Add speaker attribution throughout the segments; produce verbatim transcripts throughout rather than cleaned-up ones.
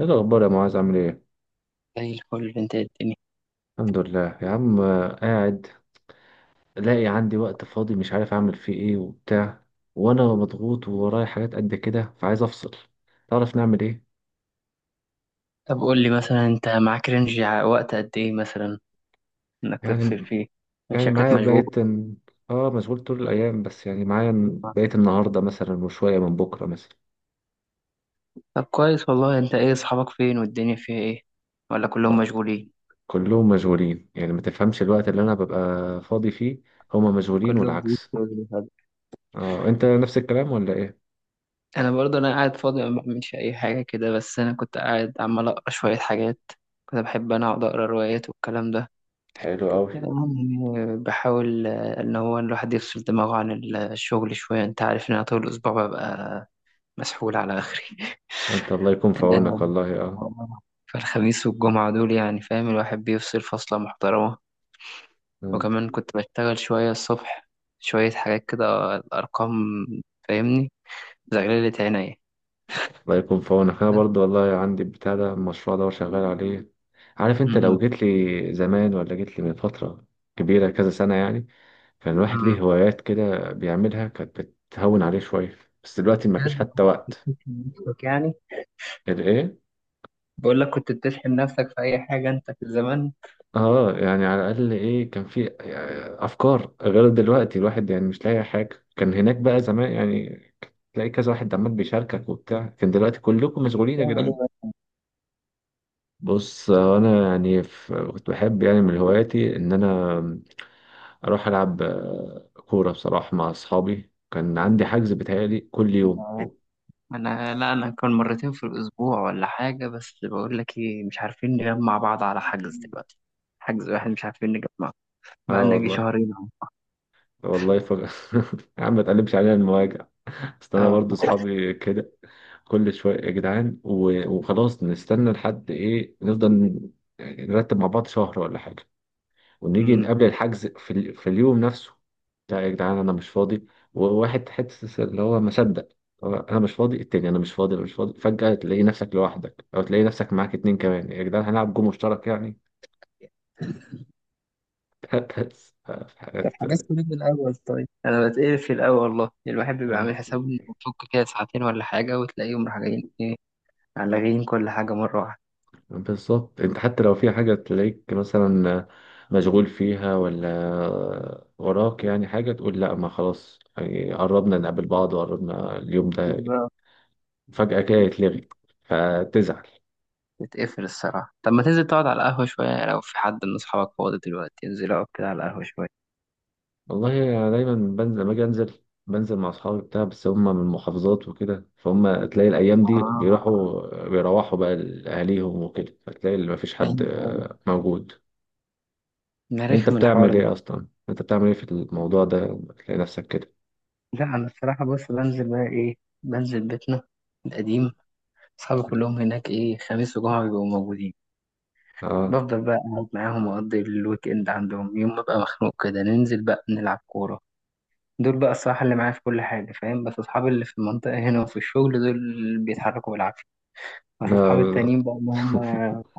Speaker 1: ايه الاخبار يا معاذ، عامل ايه؟
Speaker 2: زي الفل، انت إيه الدنيا؟
Speaker 1: الحمد لله يا عم، آه، قاعد لاقي عندي وقت فاضي، مش عارف اعمل فيه ايه وبتاع. وانا مضغوط وورايا حاجات قد كده فعايز افصل. تعرف نعمل ايه؟
Speaker 2: طب قول لي مثلا انت معاك رينج ع- وقت قد ايه مثلا انك
Speaker 1: يعني.
Speaker 2: تفصل فيه. من
Speaker 1: يعني
Speaker 2: شكلك
Speaker 1: معايا
Speaker 2: مشغول.
Speaker 1: بقيت ال- اه مشغول طول الايام، بس يعني معايا بقيت النهارده مثلا وشويه من بكره مثلا.
Speaker 2: طب كويس والله، انت ايه، اصحابك فين والدنيا فيها ايه؟ ولا كلهم
Speaker 1: اه
Speaker 2: مشغولين؟
Speaker 1: كلهم مشغولين، يعني ما تفهمش الوقت اللي انا ببقى فاضي فيه، هما مشغولين
Speaker 2: كلهم في
Speaker 1: والعكس.
Speaker 2: شغل وحاجة.
Speaker 1: اه، انت نفس الكلام ولا ايه؟
Speaker 2: انا برضه انا قاعد فاضي ما بعملش اي حاجه كده، بس انا كنت قاعد عمال اقرا شويه حاجات. كنت بحب انا اقعد اقرا روايات والكلام ده،
Speaker 1: حلو قوي.
Speaker 2: يعني بحاول آه، ان هو الواحد يفصل دماغه عن الشغل شويه. انت عارف ان انا طول الاسبوع ببقى مسحول على آخري.
Speaker 1: انت الله يكون في عونك
Speaker 2: آه،
Speaker 1: والله اه.
Speaker 2: فالخميس والجمعة دول يعني فاهم الواحد بيفصل فصلة محترمة.
Speaker 1: آه.
Speaker 2: وكمان كنت بشتغل شوية الصبح، شوية حاجات كده، الأرقام فاهمني، زغللة عينيا.
Speaker 1: الله يكون في عونك. انا برضه والله عندي البتاع ده، المشروع ده وشغال عليه. عارف، انت
Speaker 2: م-
Speaker 1: لو جيت لي زمان ولا جيت لي من فترة كبيرة كذا سنة يعني، كان الواحد ليه
Speaker 2: م-
Speaker 1: هوايات كده بيعملها كانت بتهون عليه شوية. بس دلوقتي مفيش
Speaker 2: بجد
Speaker 1: حتى
Speaker 2: كنت
Speaker 1: وقت.
Speaker 2: بتشحن نفسك يعني؟
Speaker 1: الايه؟
Speaker 2: بقول لك، كنت بتشحن نفسك في أي حاجة أنت في الزمان؟
Speaker 1: اه يعني على الاقل ايه، كان في آه، افكار غير دلوقتي. الواحد يعني مش لاقي حاجة. كان هناك بقى زمان يعني تلاقي كذا واحد عمال بيشاركك وبتاع. كان دلوقتي كلكم مشغولين يا
Speaker 2: تعمل
Speaker 1: جدعان.
Speaker 2: إيه؟
Speaker 1: بص انا يعني ف- كنت بحب يعني من هواياتي ان انا اروح العب آه، كوره بصراحه مع اصحابي. كان عندي حجز بيتهيألي كل يوم.
Speaker 2: بس؟ انا لا، انا كان مرتين في الاسبوع ولا حاجه، بس بقول لك ايه، مش عارفين نجمع بعض على حجز دلوقتي. حجز واحد مش عارفين نجمع،
Speaker 1: اه
Speaker 2: بقى لنا يجي
Speaker 1: والله.
Speaker 2: شهرين اهو.
Speaker 1: والله ف... يا عم، ما تقلبش علينا المواجع. اصل انا
Speaker 2: اه.
Speaker 1: برضو اصحابي كده كل شويه يا جدعان و... وخلاص نستنى لحد ايه. نفضل يعني نرتب مع بعض شهر ولا حاجه، ونيجي
Speaker 2: أمم.
Speaker 1: قبل الحجز في, ال... في اليوم نفسه. لا يا جدعان انا مش فاضي. وواحد حته اللي هو ما صدق، هو انا مش فاضي، التاني انا مش فاضي، انا مش فاضي. فجأة تلاقي نفسك لوحدك، او تلاقي نفسك معاك اتنين كمان. يا جدعان هنلعب جو مشترك يعني. بس آه، في
Speaker 2: طب
Speaker 1: حاجات.
Speaker 2: حجزت ليه من الأول طيب؟ انا بتقرف في الاول والله، الواحد بيبقى
Speaker 1: آه.
Speaker 2: عامل حسابه انه بيفك كده ساعتين ولا حاجه، وتلاقيهم راح جايين ايه، لاغيين كل حاجه مره واحده.
Speaker 1: بالظبط. انت حتى لو في حاجة تلاقيك مثلا مشغول فيها ولا وراك يعني حاجة، تقول لا ما خلاص يعني قربنا نقابل بعض وقربنا اليوم ده،
Speaker 2: بالظبط.
Speaker 1: فجأة كده يتلغي فتزعل.
Speaker 2: بتقفل الصراحه. طب ما تنزل تقعد على القهوه شويه، لو في حد من اصحابك فاضي دلوقتي انزل اقعد كده على القهوه شويه.
Speaker 1: والله أنا دايما بنزل، لما أجي أنزل بنزل مع أصحابي بتاع، بس هم من المحافظات وكده، فهم تلاقي الأيام دي
Speaker 2: اه،
Speaker 1: بيروحوا بيروحوا بقى لأهاليهم وكده، فتلاقي اللي مفيش حد
Speaker 2: ايوه ايوه،
Speaker 1: آه، موجود.
Speaker 2: ده
Speaker 1: أنت
Speaker 2: رخم الحوار.
Speaker 1: بتعمل إيه أصلا؟ أنت بتعمل إيه في الموضوع ده لما تلاقي نفسك كده؟
Speaker 2: لا انا الصراحه، بص، بنزل بقى ايه، بنزل بيتنا القديم. اصحابي كلهم هناك، ايه، خميس وجمعه بيبقوا موجودين.
Speaker 1: آه
Speaker 2: بفضل بقى قاعد معاهم، واقضي الويك اند عندهم. يوم ما ببقى مخنوق كده ننزل بقى نلعب كوره. دول بقى الصراحه اللي معايا في كل حاجه فاهم. بس اصحابي اللي في المنطقه هنا وفي الشغل، دول اللي بيتحركوا بالعافيه. بس اصحابي
Speaker 1: لا.
Speaker 2: التانيين بقى، اللي هم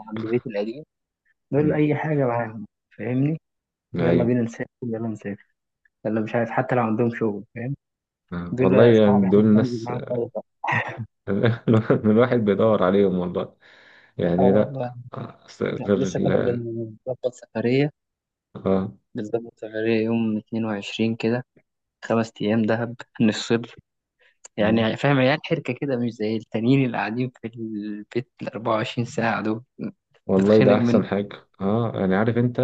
Speaker 2: عند بيت القديم، دول
Speaker 1: مم.
Speaker 2: اي حاجه معاهم فاهمني. يلا
Speaker 1: أيوه.
Speaker 2: بينا نسافر، يلا نسافر، يلا، مش عارف، حتى لو عندهم شغل فاهم.
Speaker 1: آه. والله
Speaker 2: دول صحابي
Speaker 1: يعني دول
Speaker 2: احب انزل
Speaker 1: ناس.
Speaker 2: معاهم خالص.
Speaker 1: الواحد بيدور عليهم والله.
Speaker 2: اه
Speaker 1: يعني لا.
Speaker 2: والله.
Speaker 1: آه، أصل غير
Speaker 2: لسه كنا
Speaker 1: ال
Speaker 2: بنظبط سفرية
Speaker 1: آه.
Speaker 2: بنظبط سفرية يوم اتنين وعشرين كده، خمس أيام دهب، نفصل.
Speaker 1: آه.
Speaker 2: يعني فاهم، عيال حركة كده، مش زي التانيين اللي قاعدين في البيت الأربعة وعشرين ساعة دول.
Speaker 1: والله
Speaker 2: بتخنق
Speaker 1: ده احسن
Speaker 2: منه.
Speaker 1: حاجه، اه يعني عارف انت،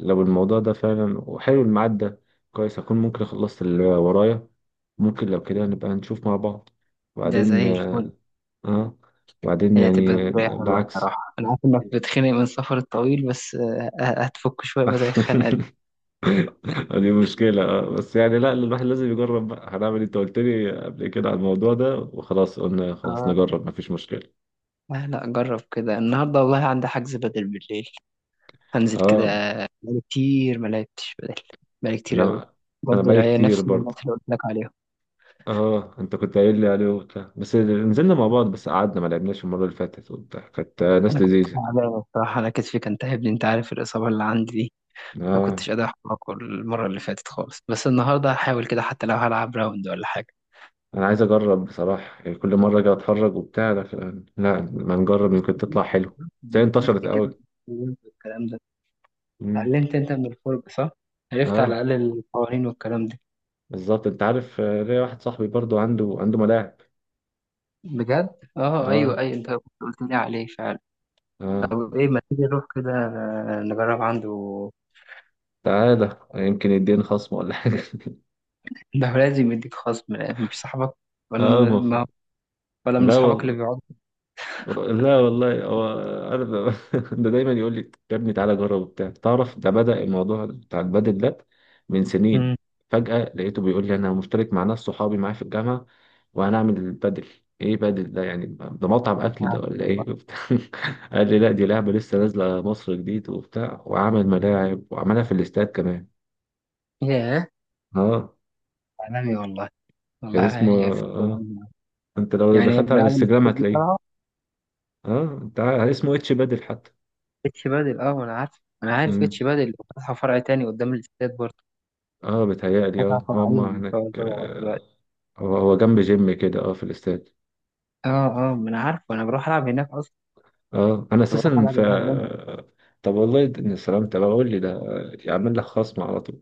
Speaker 1: لو الموضوع ده فعلا وحلو الميعاد ده، كويس اكون ممكن خلصت اللي ورايا. ممكن لو كده نبقى نشوف مع بعض
Speaker 2: ده
Speaker 1: وبعدين.
Speaker 2: زي الفل.
Speaker 1: اه. وبعدين
Speaker 2: هي تبقى
Speaker 1: يعني
Speaker 2: شوية حلوة
Speaker 1: بالعكس.
Speaker 2: الصراحة. أنا عارف إنك بتخنق من السفر الطويل، بس آه، آه، هتفك شوية بقى زي الخنقة دي.
Speaker 1: دي مشكلة اه، بس يعني لا الواحد لازم يجرب بقى، هنعمل إيه؟ انت قلت لي قبل كده على الموضوع ده وخلاص قلنا خلاص
Speaker 2: آه.
Speaker 1: نجرب، مفيش مشكلة.
Speaker 2: لا لا، جرب كده، النهاردة والله عندي حجز بدل بالليل، هنزل كده.
Speaker 1: اه
Speaker 2: بقالي كتير ما لعبتش بدل، بقالي كتير قوي.
Speaker 1: انا انا
Speaker 2: برضه
Speaker 1: بقالي
Speaker 2: العيال
Speaker 1: كتير
Speaker 2: نفس
Speaker 1: برضه.
Speaker 2: الناس اللي قلت لك عليهم.
Speaker 1: اه، انت كنت قايل لي عليه وبتاع، بس نزلنا مع بعض بس قعدنا ما لعبناش المره اللي فاتت وبتاع. كانت آه، ناس
Speaker 2: انا كنت
Speaker 1: لذيذه.
Speaker 2: تعبان بصراحه، انا كتفي كان تعبني، انت عارف الاصابه اللي عندي دي. ما
Speaker 1: اه
Speaker 2: كنتش قادر احرك المره اللي فاتت خالص، بس النهارده هحاول كده حتى لو هلعب راوند ولا حاجه.
Speaker 1: انا عايز اجرب بصراحه، يعني كل مره اجي اتفرج وبتاع، لكن لا ما نجرب يمكن تطلع حلو. بس هي
Speaker 2: عرفت
Speaker 1: انتشرت
Speaker 2: كده
Speaker 1: قوي.
Speaker 2: الكلام ده،
Speaker 1: مم.
Speaker 2: اتعلمت انت من الفرجه صح، عرفت على
Speaker 1: اه
Speaker 2: الاقل القوانين والكلام ده.
Speaker 1: بالظبط. انت عارف آه، ليا واحد صاحبي برضو عنده عنده ملاعب.
Speaker 2: بجد؟ اه،
Speaker 1: اه.
Speaker 2: ايوه ايوه، انت كنت قلت لي عليه فعلا.
Speaker 1: اه.
Speaker 2: طب ايه، ما تيجي نروح كده نجرب عنده؟
Speaker 1: تعالى يمكن يديني خصم ولا حاجه.
Speaker 2: ده هو لازم يديك خصم، لأن مش صاحبك؟ ولا
Speaker 1: اه
Speaker 2: م... ما...
Speaker 1: مفهوم.
Speaker 2: ولا من
Speaker 1: لا
Speaker 2: أصحابك اللي
Speaker 1: والله.
Speaker 2: بيقعدوا؟
Speaker 1: لا والله هو، انا ب- ده دايما يقول لي يا ابني تعالى جرب وبتاع. تعرف ده بدأ الموضوع بتاع البادل ده من سنين.
Speaker 2: امم،
Speaker 1: فجأة لقيته بيقول لي انا مشترك مع ناس صحابي معايا في الجامعة، وهنعمل البادل. ايه بادل ده يعني؟ ده مطعم اكل ده
Speaker 2: معاك
Speaker 1: ولا
Speaker 2: والله.
Speaker 1: ايه وبتاع؟ قال لي لا دي لعبة لسه نازلة مصر جديد وبتاع، وعمل ملاعب وعملها في الاستاد كمان.
Speaker 2: ياه،
Speaker 1: اه
Speaker 2: عالمي والله.
Speaker 1: كان
Speaker 2: والله
Speaker 1: اسمه
Speaker 2: يف-
Speaker 1: اه انت لو
Speaker 2: يعني
Speaker 1: دخلت على
Speaker 2: الملاعب اللي
Speaker 1: الانستجرام
Speaker 2: في دي
Speaker 1: هتلاقيه.
Speaker 2: طالعة؟
Speaker 1: اه انت عارف- اسمه اتش بادل حتى.
Speaker 2: اتش بادل؟ اه أنا عارف، أنا عارف
Speaker 1: مم.
Speaker 2: اتش بادل، فاتحة فرع تاني قدام الاستاد برضه.
Speaker 1: اه بيتهيألي
Speaker 2: فاتحة
Speaker 1: اه هم
Speaker 2: فرعين ما شاء
Speaker 1: هناك
Speaker 2: الله
Speaker 1: آه،
Speaker 2: دلوقتي.
Speaker 1: هو هو جنب جيم كده اه في الاستاد.
Speaker 2: اه. اه ما أنا عارف، أنا بروح ألعب هناك أصلا،
Speaker 1: اه انا
Speaker 2: كنت بروح
Speaker 1: اساسا
Speaker 2: ألعب
Speaker 1: ف
Speaker 2: هناك دايما.
Speaker 1: طب والله د- ان سلام. طب اقول لي ده آه، يعمل لك خصم على طول.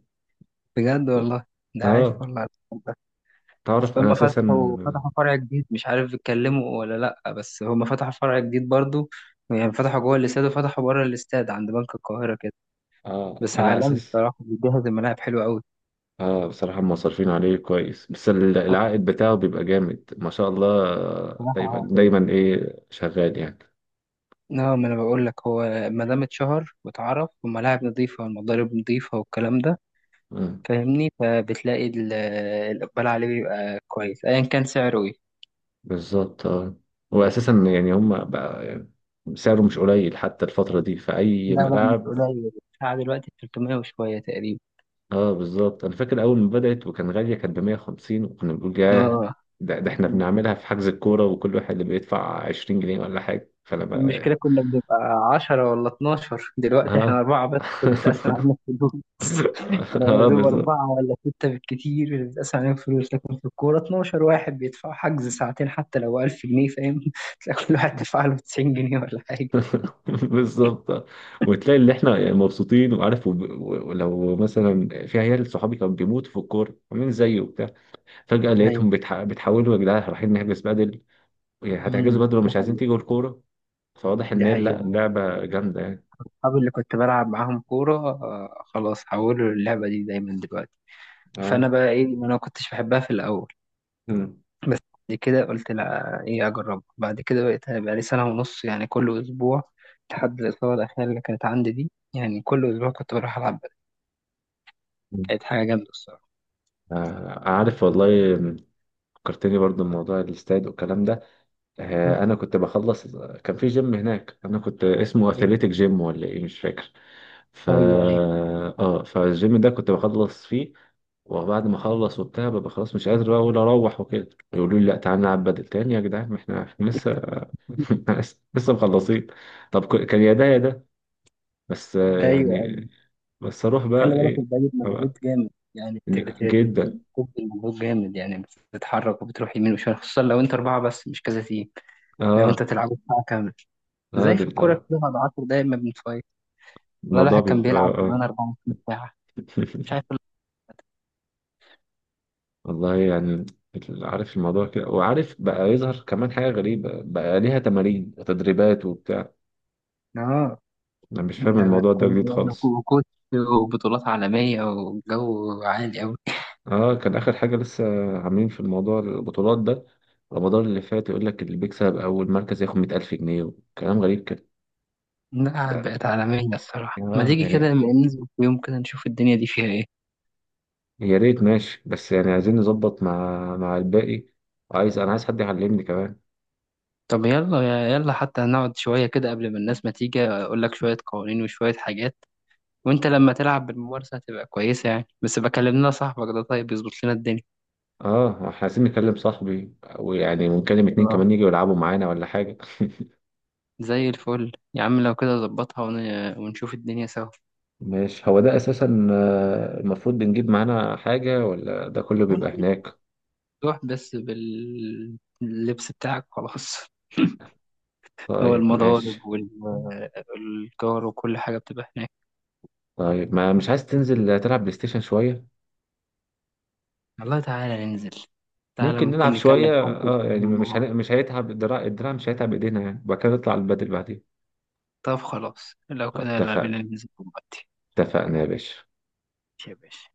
Speaker 2: بجد والله؟ ده عايش
Speaker 1: اه
Speaker 2: والله. اصل
Speaker 1: تعرف انا
Speaker 2: هم فتحوا
Speaker 1: اساسا.
Speaker 2: فتحوا فرع جديد، مش عارف اتكلموا ولا لا، بس هم فتحوا فرع جديد برضو. يعني فتحوا جوه الاستاد وفتحوا بره الاستاد عند بنك القاهرة كده.
Speaker 1: اه
Speaker 2: بس
Speaker 1: انا
Speaker 2: عالمي
Speaker 1: اساس.
Speaker 2: بصراحة، بيجهز الملاعب حلو قوي.
Speaker 1: اه بصراحة مصرفين عليه كويس، بس ال- العائد بتاعه بيبقى جامد ما شاء الله. آه،
Speaker 2: بصراحة
Speaker 1: دايما
Speaker 2: هو حلو.
Speaker 1: دايما ايه شغال يعني.
Speaker 2: اه، ما انا بقول لك، هو ما دام اتشهر واتعرف، وملاعب نظيفة والمضارب نظيفة والكلام ده
Speaker 1: آه.
Speaker 2: فاهمني، فبتلاقي ال- الاقبال عليه بيبقى كويس ايا كان سعره ايه.
Speaker 1: بالظبط اه. واساسا يعني هم بقى يعني سعره مش قليل حتى الفترة دي في
Speaker 2: لا
Speaker 1: أي
Speaker 2: لا مش
Speaker 1: ملاعب.
Speaker 2: قليل، الساعة دلوقتي تلتميه وشوية تقريبا.
Speaker 1: اه بالظبط. انا فاكر اول ما بدات وكان غاليه كانت ب مية وخمسين وكنا بنقول ياه.
Speaker 2: اه،
Speaker 1: ده, ده احنا بنعملها في حجز الكوره، وكل واحد اللي بيدفع عشرين جنيه ولا حاجه، فانا بقى.
Speaker 2: المشكلة كنا بنبقى عشرة ولا اتناشر، دلوقتي احنا
Speaker 1: ها.
Speaker 2: أربعة بس بتتقسم علينا الفلوس. أنا يا
Speaker 1: اه
Speaker 2: دوب
Speaker 1: بالظبط.
Speaker 2: أربعة ولا ستة بالكتير اللي بتتقسم علينا الفلوس، لكن في الكورة اتناشر واحد بيدفع حجز ساعتين حتى لو ألف جنيه فاهم، تلاقي كل واحد دفع له تسعين جنيه ولا حاجة.
Speaker 1: بالظبط. وتلاقي اللي احنا يعني مبسوطين وعارف وب- و- ولو مثلا في عيال صحابي كانوا بيموتوا في الكوره عاملين زيي وبتاع، فجاه
Speaker 2: أيوة.
Speaker 1: لقيتهم بتح... بتحولوا يا جدعان رايحين نحجز بدل. يعني
Speaker 2: أمم،
Speaker 1: هتحجزوا بدل
Speaker 2: دي
Speaker 1: ومش عايزين
Speaker 2: حقيقة.
Speaker 1: تيجوا الكوره. فواضح ان
Speaker 2: دي
Speaker 1: هي لا،
Speaker 2: حقيقة.
Speaker 1: اللعبه جامده يعني.
Speaker 2: أصحابي اللي كنت بلعب معاهم كورة آه، خلاص حولوا اللعبة دي دايما دلوقتي.
Speaker 1: اه.
Speaker 2: فأنا بقى إيه، ما أنا ما كنتش بحبها في الأول.
Speaker 1: مم.
Speaker 2: بس بعد كده قلت لا، ايه، اجربها. بعد كده بقيت بقى لي سنه ونص يعني كل اسبوع، لحد الاصابه الاخيره اللي كانت عندي دي، يعني كل اسبوع كنت بروح العب بدل. كانت حاجه جامده الصراحه.
Speaker 1: آه، عارف والله. فكرتني برضو بموضوع الاستاد والكلام ده.
Speaker 2: مم.
Speaker 1: آه، انا كنت بخلص. كان في جيم هناك انا كنت اسمه
Speaker 2: ايوه
Speaker 1: اثليتيك جيم ولا ايه مش فاكر. ف
Speaker 2: ايوه ايوه
Speaker 1: اه فالجيم ده كنت بخلص فيه، وبعد ما اخلص وبتاع ببقى خلاص مش قادر بقى اقول اروح، وكده يقولوا لي لا تعالى نلعب بدل تاني يا جدعان ما احنا إحنا لسه. لسه مخلصين. طب ك- كان يا ده يا ده، بس آه،
Speaker 2: ايوه ايوه.
Speaker 1: يعني، بس اروح
Speaker 2: خلي
Speaker 1: بقى
Speaker 2: بالك،
Speaker 1: ايه؟
Speaker 2: البدن
Speaker 1: أبقى-
Speaker 2: مجهود جامد يعني. بت- بت-
Speaker 1: جدا.
Speaker 2: بتبذل مجهود جامد يعني، بتتحرك وبتروح يمين وشمال، خصوصا لو انت اربعه بس مش كذا تيم. لو انت
Speaker 1: اه.
Speaker 2: تلعبوا ساعه كامله،
Speaker 1: اه
Speaker 2: زي في الكوره
Speaker 1: ده
Speaker 2: كده بعد 10 دقايق ما بنتفايق. والله
Speaker 1: الموضوع
Speaker 2: الواحد كان
Speaker 1: بيبقى
Speaker 2: بيلعب
Speaker 1: آه،
Speaker 2: زمان أربعة وعشرين ساعة ساعه، مش عارف ال-
Speaker 1: والله يعني. عارف الموضوع كده، وعارف بقى يظهر كمان حاجة غريبة بقى ليها تمارين وتدريبات وبتاع.
Speaker 2: اه،
Speaker 1: أنا مش فاهم
Speaker 2: ده أنا
Speaker 1: الموضوع ده
Speaker 2: كنت-
Speaker 1: جديد خالص.
Speaker 2: وكوتش، وبطولات عالمية، وجو عالي أوي.
Speaker 1: اه كان آخر حاجة لسه عاملين في الموضوع البطولات ده، رمضان اللي فات يقول لك اللي بيكسب أول مركز ياخد مية ألف جنيه وكلام غريب كده.
Speaker 2: لا
Speaker 1: ده
Speaker 2: بقت عالمية الصراحة، ما
Speaker 1: اه
Speaker 2: تيجي كده
Speaker 1: يعني
Speaker 2: لما ننزل في يوم كده نشوف الدنيا دي فيها إيه.
Speaker 1: يا ريت ماشي، بس يعني عايزين نظبط مع مع الباقي، وعايز أنا عايز حد يعلمني كمان.
Speaker 2: طب يلا يلا، حتى نقعد شوية كده قبل ما الناس ما تيجي، أقول لك شوية قوانين وشوية حاجات، وأنت لما تلعب بالممارسة هتبقى كويسة يعني. بس بكلم لنا صاحبك ده طيب يظبط لنا الدنيا.
Speaker 1: اه احنا عايزين نكلم صاحبي، ويعني ونكلم اتنين
Speaker 2: آه.
Speaker 1: كمان يجوا يلعبوا معانا ولا حاجة.
Speaker 2: زي الفل يا عم، لو كده ظبطها ون- ونشوف الدنيا سوا.
Speaker 1: ماشي هو ده اساسا آه، المفروض بنجيب معانا حاجة ولا ده كله بيبقى هناك؟
Speaker 2: روح بس باللبس بتاعك خلاص، هو
Speaker 1: طيب
Speaker 2: المضارب
Speaker 1: ماشي.
Speaker 2: الجار وكل حاجة بتبقى هناك.
Speaker 1: طيب ما مش عايز تنزل تلعب بلاي ستيشن شوية؟
Speaker 2: والله تعالى ننزل، تعالى
Speaker 1: ممكن
Speaker 2: ممكن
Speaker 1: نلعب
Speaker 2: نكلم
Speaker 1: شوية
Speaker 2: حد
Speaker 1: اه
Speaker 2: من-
Speaker 1: يعني مش
Speaker 2: هنا.
Speaker 1: هن... مش هيتعب الدراع، الدراع مش هيتعب ايدينا يعني، وبعد كده نطلع البدل بعدين.
Speaker 2: طب خلاص لو كده يلا
Speaker 1: اتفقنا.
Speaker 2: بينا ننزل دلوقتي.
Speaker 1: اتفقنا يا باشا.
Speaker 2: يا باشا.